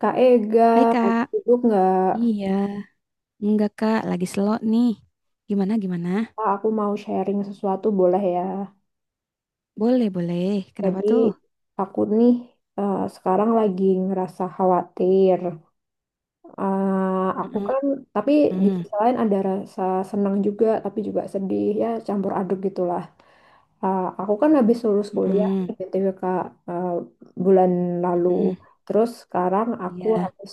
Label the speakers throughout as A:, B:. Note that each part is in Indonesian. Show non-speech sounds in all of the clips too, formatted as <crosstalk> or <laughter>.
A: Kak Ega,
B: Hai
A: lagi
B: Kak.
A: sibuk nggak?
B: Iya, enggak Kak, lagi slow nih. Gimana gimana?
A: Kak, aku mau sharing sesuatu, boleh ya?
B: Boleh boleh. Kenapa
A: Jadi,
B: tuh?
A: aku nih sekarang lagi ngerasa khawatir. Eh, aku
B: Mm-mm,
A: kan, tapi di
B: mm,
A: sisi lain ada rasa senang juga, tapi juga sedih, ya campur aduk gitulah. Aku kan habis lulus kuliah, nih,
B: mm-mm,
A: BTW Kak, eh, bulan lalu.
B: mm-mm.
A: Terus sekarang aku
B: Iya,
A: harus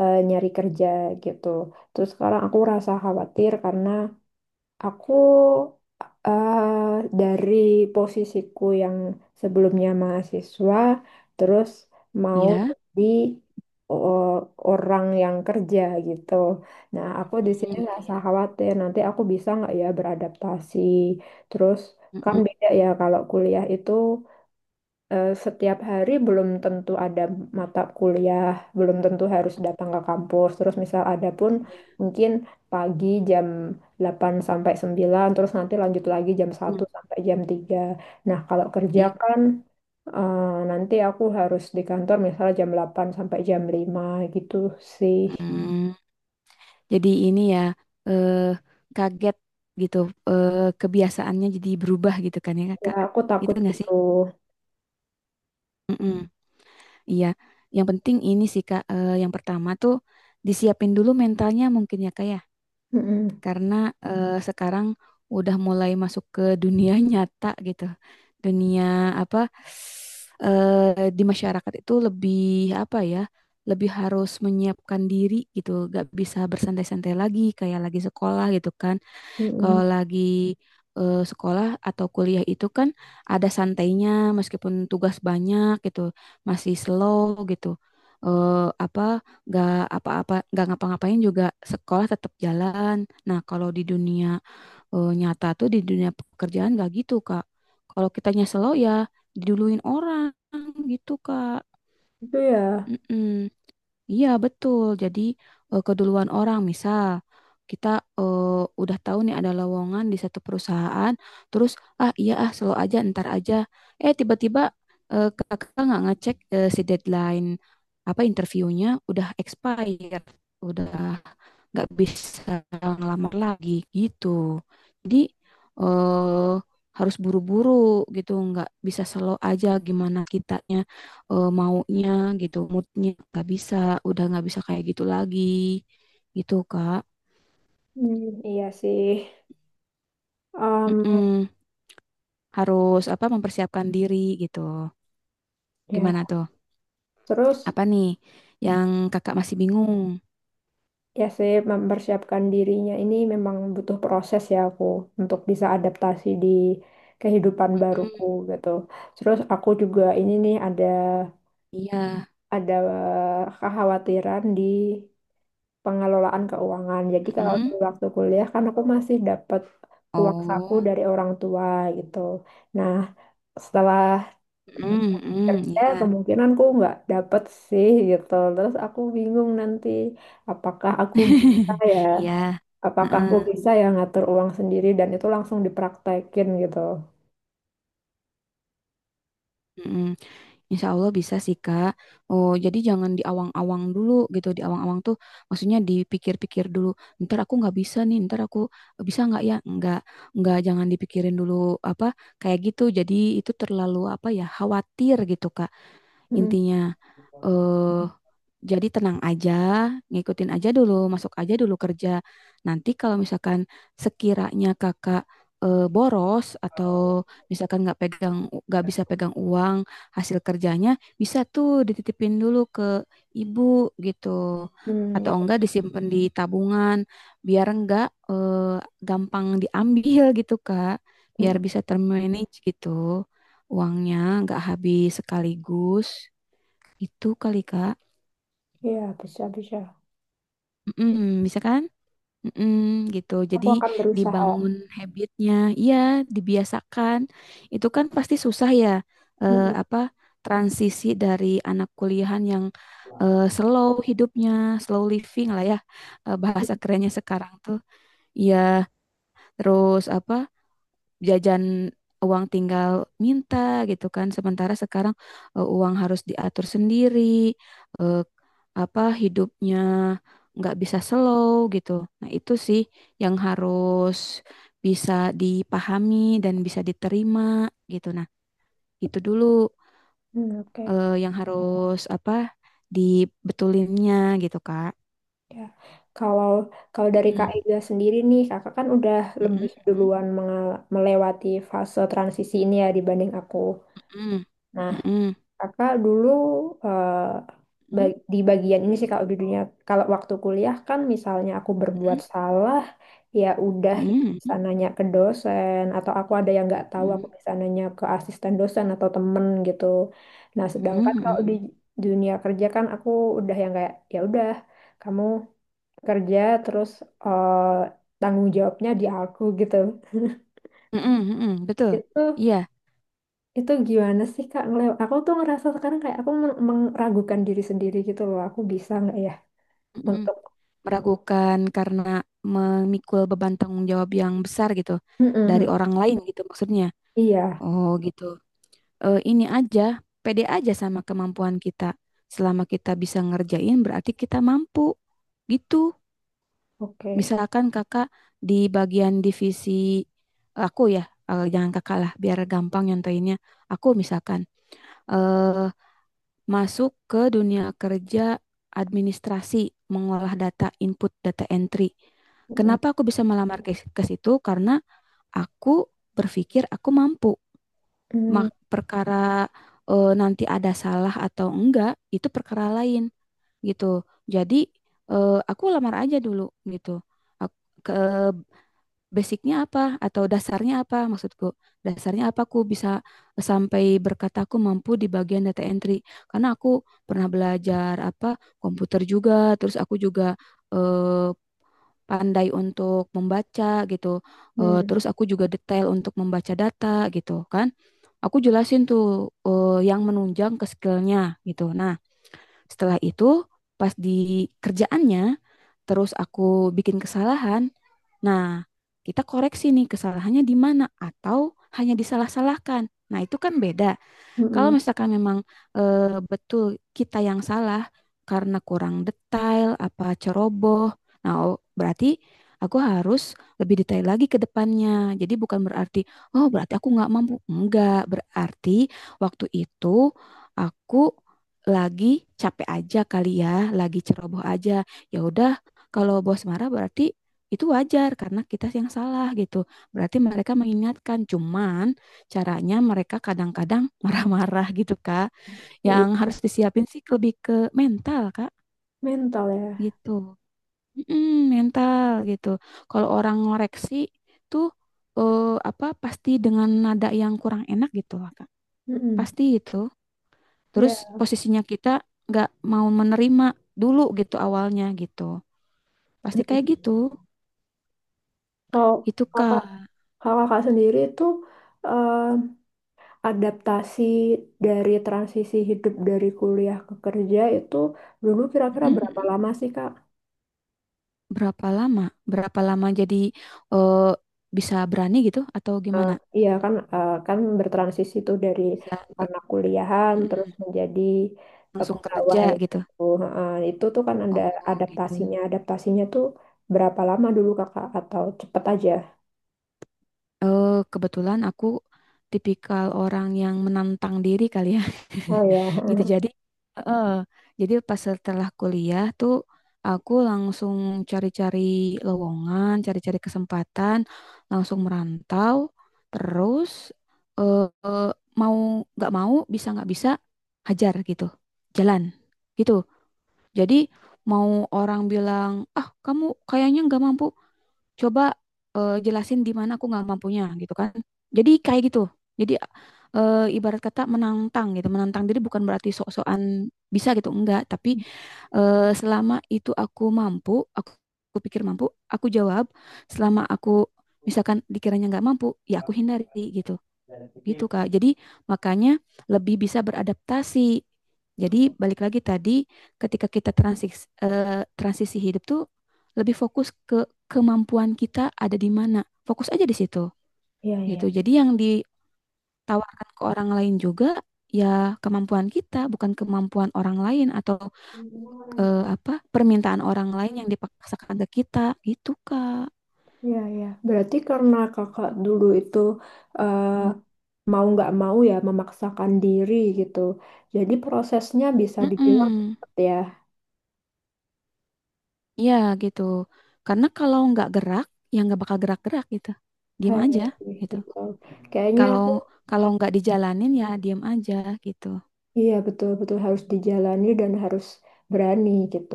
A: nyari kerja gitu. Terus sekarang aku rasa khawatir karena Aku dari posisiku yang sebelumnya mahasiswa, terus mau
B: iya,
A: jadi o- orang yang kerja gitu. Nah, aku di sini
B: mm, iya,
A: ngerasa
B: iya,
A: khawatir nanti aku bisa nggak ya beradaptasi. Terus kan
B: mm-mm,
A: beda ya kalau kuliah itu setiap hari belum tentu ada mata kuliah, belum tentu harus datang ke kampus. Terus misal ada pun
B: iya,
A: mungkin pagi jam 8 sampai sembilan, terus nanti lanjut lagi jam satu
B: mm,
A: sampai jam tiga. Nah, kalau kerja
B: iya,
A: kan eh, nanti aku harus di kantor misalnya jam 8 sampai jam lima gitu sih.
B: mm. Jadi ini ya, eh, kaget gitu, kebiasaannya jadi berubah gitu kan ya
A: Ya,
B: Kak?
A: aku
B: Itu
A: takut
B: enggak sih?
A: gitu.
B: Mm-mm. Iya. Yang penting ini sih Kak, yang pertama tuh disiapin dulu mentalnya mungkin ya Kak ya.
A: Mm-mm,
B: Karena sekarang udah mulai masuk ke dunia <laughs> nyata gitu. Dunia apa, di masyarakat itu lebih apa ya? Lebih harus menyiapkan diri gitu, gak bisa bersantai-santai lagi kayak lagi sekolah gitu kan. Kalau
A: mm-mm.
B: lagi sekolah atau kuliah itu kan ada santainya meskipun tugas banyak gitu, masih slow gitu. Eh, apa nggak apa-apa nggak ngapa-ngapain juga sekolah tetap jalan. Nah, kalau di dunia nyata tuh di dunia pekerjaan nggak gitu, Kak. Kalau kitanya slow ya diduluin orang gitu, Kak.
A: Itu ya.
B: Mm-mm. Iya, betul. Jadi keduluan orang, misal kita eh, udah tahu nih ada lowongan di satu perusahaan, terus ah iya ah slow aja, ntar aja. Eh tiba-tiba kakak nggak ngecek si deadline apa interviewnya udah expire, udah nggak bisa ngelamar lagi gitu. Jadi eh, harus buru-buru gitu, nggak bisa slow aja gimana kitanya maunya gitu, moodnya nggak bisa, udah nggak bisa kayak gitu lagi gitu Kak.
A: Hmm, iya sih. Em,
B: Mm-mm. Harus apa mempersiapkan diri gitu.
A: ya,
B: Gimana tuh?
A: terus
B: Apa nih yang kakak masih bingung?
A: ya sih, mempersiapkan dirinya ini memang butuh proses ya, aku untuk bisa adaptasi di kehidupan baruku
B: Mm-mm.
A: gitu. Terus aku juga ini nih ada
B: Iya.
A: ada kekhawatiran di pengelolaan keuangan. Jadi kalau
B: Mm-mm.
A: dulu waktu kuliah kan aku masih dapat uang saku
B: Oh.
A: dari orang tua gitu. Nah, setelah
B: Mm-mm. Mm-mm.
A: kerja
B: Iya.
A: kemungkinan kemungkinanku nggak dapet sih gitu. Terus aku bingung nanti apakah aku bisa
B: <laughs>
A: ya
B: Iya.
A: apakah aku
B: Heeh.
A: bisa ya ngatur uang sendiri dan itu langsung dipraktekin gitu.
B: Mm, Insya Allah bisa sih Kak. Oh, jadi jangan diawang awang dulu gitu. Diawang awang tuh maksudnya dipikir-pikir dulu. Ntar aku nggak bisa nih, ntar aku bisa nggak ya? Nggak jangan dipikirin dulu apa kayak gitu. Jadi itu terlalu apa ya khawatir gitu Kak.
A: Mm,
B: Intinya eh jadi tenang aja, ngikutin aja dulu, masuk aja dulu kerja. Nanti kalau misalkan sekiranya kakak boros atau misalkan nggak pegang, nggak bisa pegang uang hasil kerjanya, bisa tuh dititipin dulu ke ibu gitu,
A: hmm,
B: atau
A: ya.
B: enggak disimpan di tabungan, biar enggak eh, gampang diambil gitu Kak,
A: Mm,
B: biar bisa termanage gitu uangnya, nggak habis sekaligus. Itu kali Kak.
A: iya, bisa, bisa.
B: Mm-mm, bisa kan? Mm-mm, gitu.
A: Aku
B: Jadi
A: akan berusaha.
B: dibangun habitnya, iya dibiasakan. Itu kan pasti susah ya,
A: Mm, mm,
B: apa transisi dari anak kuliahan yang slow hidupnya, slow living lah ya, bahasa kerennya sekarang tuh. Iya, terus apa? Jajan uang tinggal minta gitu kan. Sementara sekarang uang harus diatur sendiri, eh, apa hidupnya nggak bisa slow gitu. Nah, itu sih yang harus bisa dipahami dan bisa diterima gitu. Nah, itu dulu
A: mm, mm, oke,
B: yang harus apa dibetulinnya gitu, Kak.
A: ya. Kalau kalau dari Kak
B: Mm,
A: Ega sendiri nih, Kakak kan udah
B: mm,
A: lebih
B: mm,
A: duluan melewati fase transisi ini ya dibanding aku.
B: mm,
A: Nah,
B: mm,
A: Kakak dulu eh,
B: mm,
A: di bagian ini sih kalau di dunia, kalau waktu kuliah kan misalnya aku berbuat salah, ya udah
B: mm,
A: gitu
B: mm, mm, mm,
A: bisa nanya ke dosen, atau aku ada yang nggak tahu aku
B: mm,
A: bisa nanya ke asisten dosen atau temen gitu. Nah
B: mm,
A: sedangkan
B: mm,
A: kalau
B: mm.
A: di dunia kerja kan aku udah yang kayak ya udah, kamu kerja terus eh, tanggung jawabnya di aku gitu. <laughs>
B: Mm-mm, mm-mm, betul.
A: Itu
B: Iya,
A: itu gimana sih Kak? Ngelew aku tuh ngerasa sekarang kayak aku meragukan diri sendiri gitu loh. Aku bisa nggak ya
B: mm-mm.
A: untuk
B: Meragukan karena memikul beban tanggung jawab yang besar gitu dari
A: mm-mm.
B: orang lain gitu maksudnya.
A: Iya,
B: Oh gitu. Eh, ini aja, pede aja sama kemampuan kita. Selama kita bisa ngerjain berarti kita mampu. Gitu.
A: oke.
B: Misalkan kakak di bagian divisi aku ya, jangan kakak lah biar gampang nyontoinnya. Aku misalkan eh masuk ke dunia kerja administrasi, mengolah data input, data entry.
A: Mm-mm.
B: Kenapa aku bisa melamar ke situ? Karena aku berpikir aku mampu. Mak perkara nanti ada salah atau enggak, itu perkara lain gitu. Jadi aku lamar aja dulu gitu. Aku, ke, basicnya apa atau dasarnya apa maksudku? Dasarnya apa aku bisa sampai berkata aku mampu di bagian data entry? Karena aku pernah belajar apa komputer juga, terus aku juga eh, pandai untuk membaca gitu. Eh,
A: Mm-mm.
B: terus aku juga detail untuk membaca data gitu kan. Aku jelasin tuh yang menunjang ke skillnya gitu. Nah, setelah itu pas di kerjaannya terus aku bikin kesalahan. Nah, kita koreksi nih kesalahannya di mana atau hanya disalah-salahkan. Nah, itu kan beda. Kalau
A: Mm-mm.
B: misalkan memang eh, betul kita yang salah karena kurang detail, apa ceroboh, nah oh, berarti aku harus lebih detail lagi ke depannya. Jadi bukan berarti, oh berarti aku nggak mampu. Enggak, berarti waktu itu aku lagi capek aja kali ya, lagi ceroboh aja. Ya udah, kalau bos marah berarti itu wajar karena kita yang salah gitu. Berarti mereka mengingatkan, cuman caranya mereka kadang-kadang <laughs> marah-marah gitu, Kak.
A: Iya.
B: Yang harus disiapin sih lebih ke mental, Kak,
A: Mental ya.
B: gitu. Mm, mental gitu. Kalau orang ngoreksi tuh eh, apa pasti dengan nada yang kurang enak gitu lah, Kak.
A: Mm-mm.
B: Pasti itu. Terus
A: Iya.
B: posisinya kita nggak mau menerima dulu gitu awalnya gitu. Pasti kayak
A: Mm-mm.
B: gitu.
A: Kalau
B: Itu,
A: kakak,
B: Kak.
A: kalau kakak sendiri itu eh, adaptasi dari transisi hidup dari kuliah ke kerja itu dulu kira-kira berapa
B: Mm,
A: lama sih Kak?
B: berapa lama? Berapa lama jadi eh, bisa berani gitu atau
A: Eh,
B: gimana?
A: iya kan, kan bertransisi tuh dari
B: Bisa
A: anak kuliahan terus
B: mm-mm
A: menjadi
B: langsung kerja
A: pegawai
B: gitu.
A: gitu. Heeh, itu tuh kan ada
B: Oh gitu.
A: adaptasinya. Adaptasinya tuh berapa lama dulu Kakak atau cepet aja?
B: Eh kebetulan aku tipikal orang yang menantang diri kali ya.
A: Oh ya.
B: <laughs> Gitu.
A: <laughs>
B: Jadi eh jadi pas setelah kuliah tuh aku langsung cari-cari lowongan, cari-cari kesempatan, langsung merantau terus eh eh, mau nggak mau bisa nggak bisa hajar gitu. Jalan gitu. Jadi mau orang bilang, "Ah, kamu kayaknya nggak mampu coba jelasin di mana aku nggak mampunya gitu kan jadi kayak gitu jadi ibarat kata menantang gitu menantang diri bukan berarti sok-sokan bisa gitu enggak tapi selama itu aku mampu aku, aku pikir mampu aku jawab selama aku misalkan dikiranya nggak mampu ya aku hindari gitu gitu Kak. Jadi makanya lebih bisa beradaptasi. Jadi balik lagi tadi ketika kita transisi, transisi hidup tuh lebih fokus ke kemampuan kita ada di mana. Fokus aja di situ
A: Iya, iya.
B: gitu. Jadi yang ditawarkan ke orang lain juga ya kemampuan kita bukan kemampuan orang lain atau apa permintaan orang lain yang dipaksakan ke kita gitu Kak.
A: Iya, iya. Berarti karena kakak dulu itu eh, mau nggak mau ya memaksakan diri gitu. Jadi prosesnya bisa dibilang
B: Mm-mm.
A: cepet ya.
B: Iya gitu. Karena kalau nggak gerak, ya nggak bakal gerak-gerak gitu. Diam
A: Iya
B: aja
A: sih,
B: gitu.
A: betul. Kayaknya
B: Kalau
A: aku
B: kalau nggak dijalanin ya diam aja gitu.
A: iya betul-betul harus dijalani dan harus berani gitu.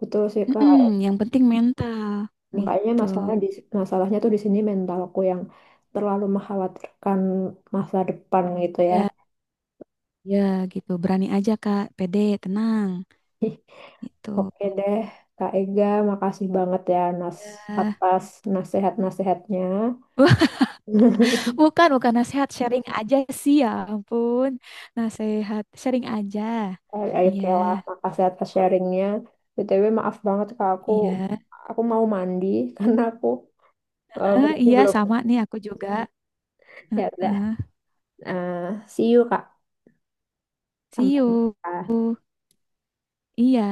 A: Betul sih Kak.
B: Mm-mm, yang penting mental
A: Makanya
B: gitu.
A: masalahnya tuh di sini mentalku yang terlalu mengkhawatirkan masa depan gitu ya.
B: Ya, ya gitu. Berani aja Kak, pede, tenang
A: <laughs>
B: gitu.
A: Oke deh, Kak Ega, makasih banget ya,
B: Ya.
A: atas nasihat-nasihatnya.
B: Wah,
A: <laughs>
B: bukan bukan nasihat, sharing aja sih ya ampun. Nasihat, sharing aja.
A: Eh,
B: Iya,
A: oke lah, makasih atas sharingnya. BTW maaf banget Kak,
B: iya.
A: aku mau mandi <laughs> karena aku eh,
B: Eh,
A: belum
B: iya
A: belum
B: sama nih aku juga. Eh,
A: ya udah.
B: eh.
A: Eh, see you Kak.
B: See
A: Sampai
B: you.
A: jumpa.
B: Iya,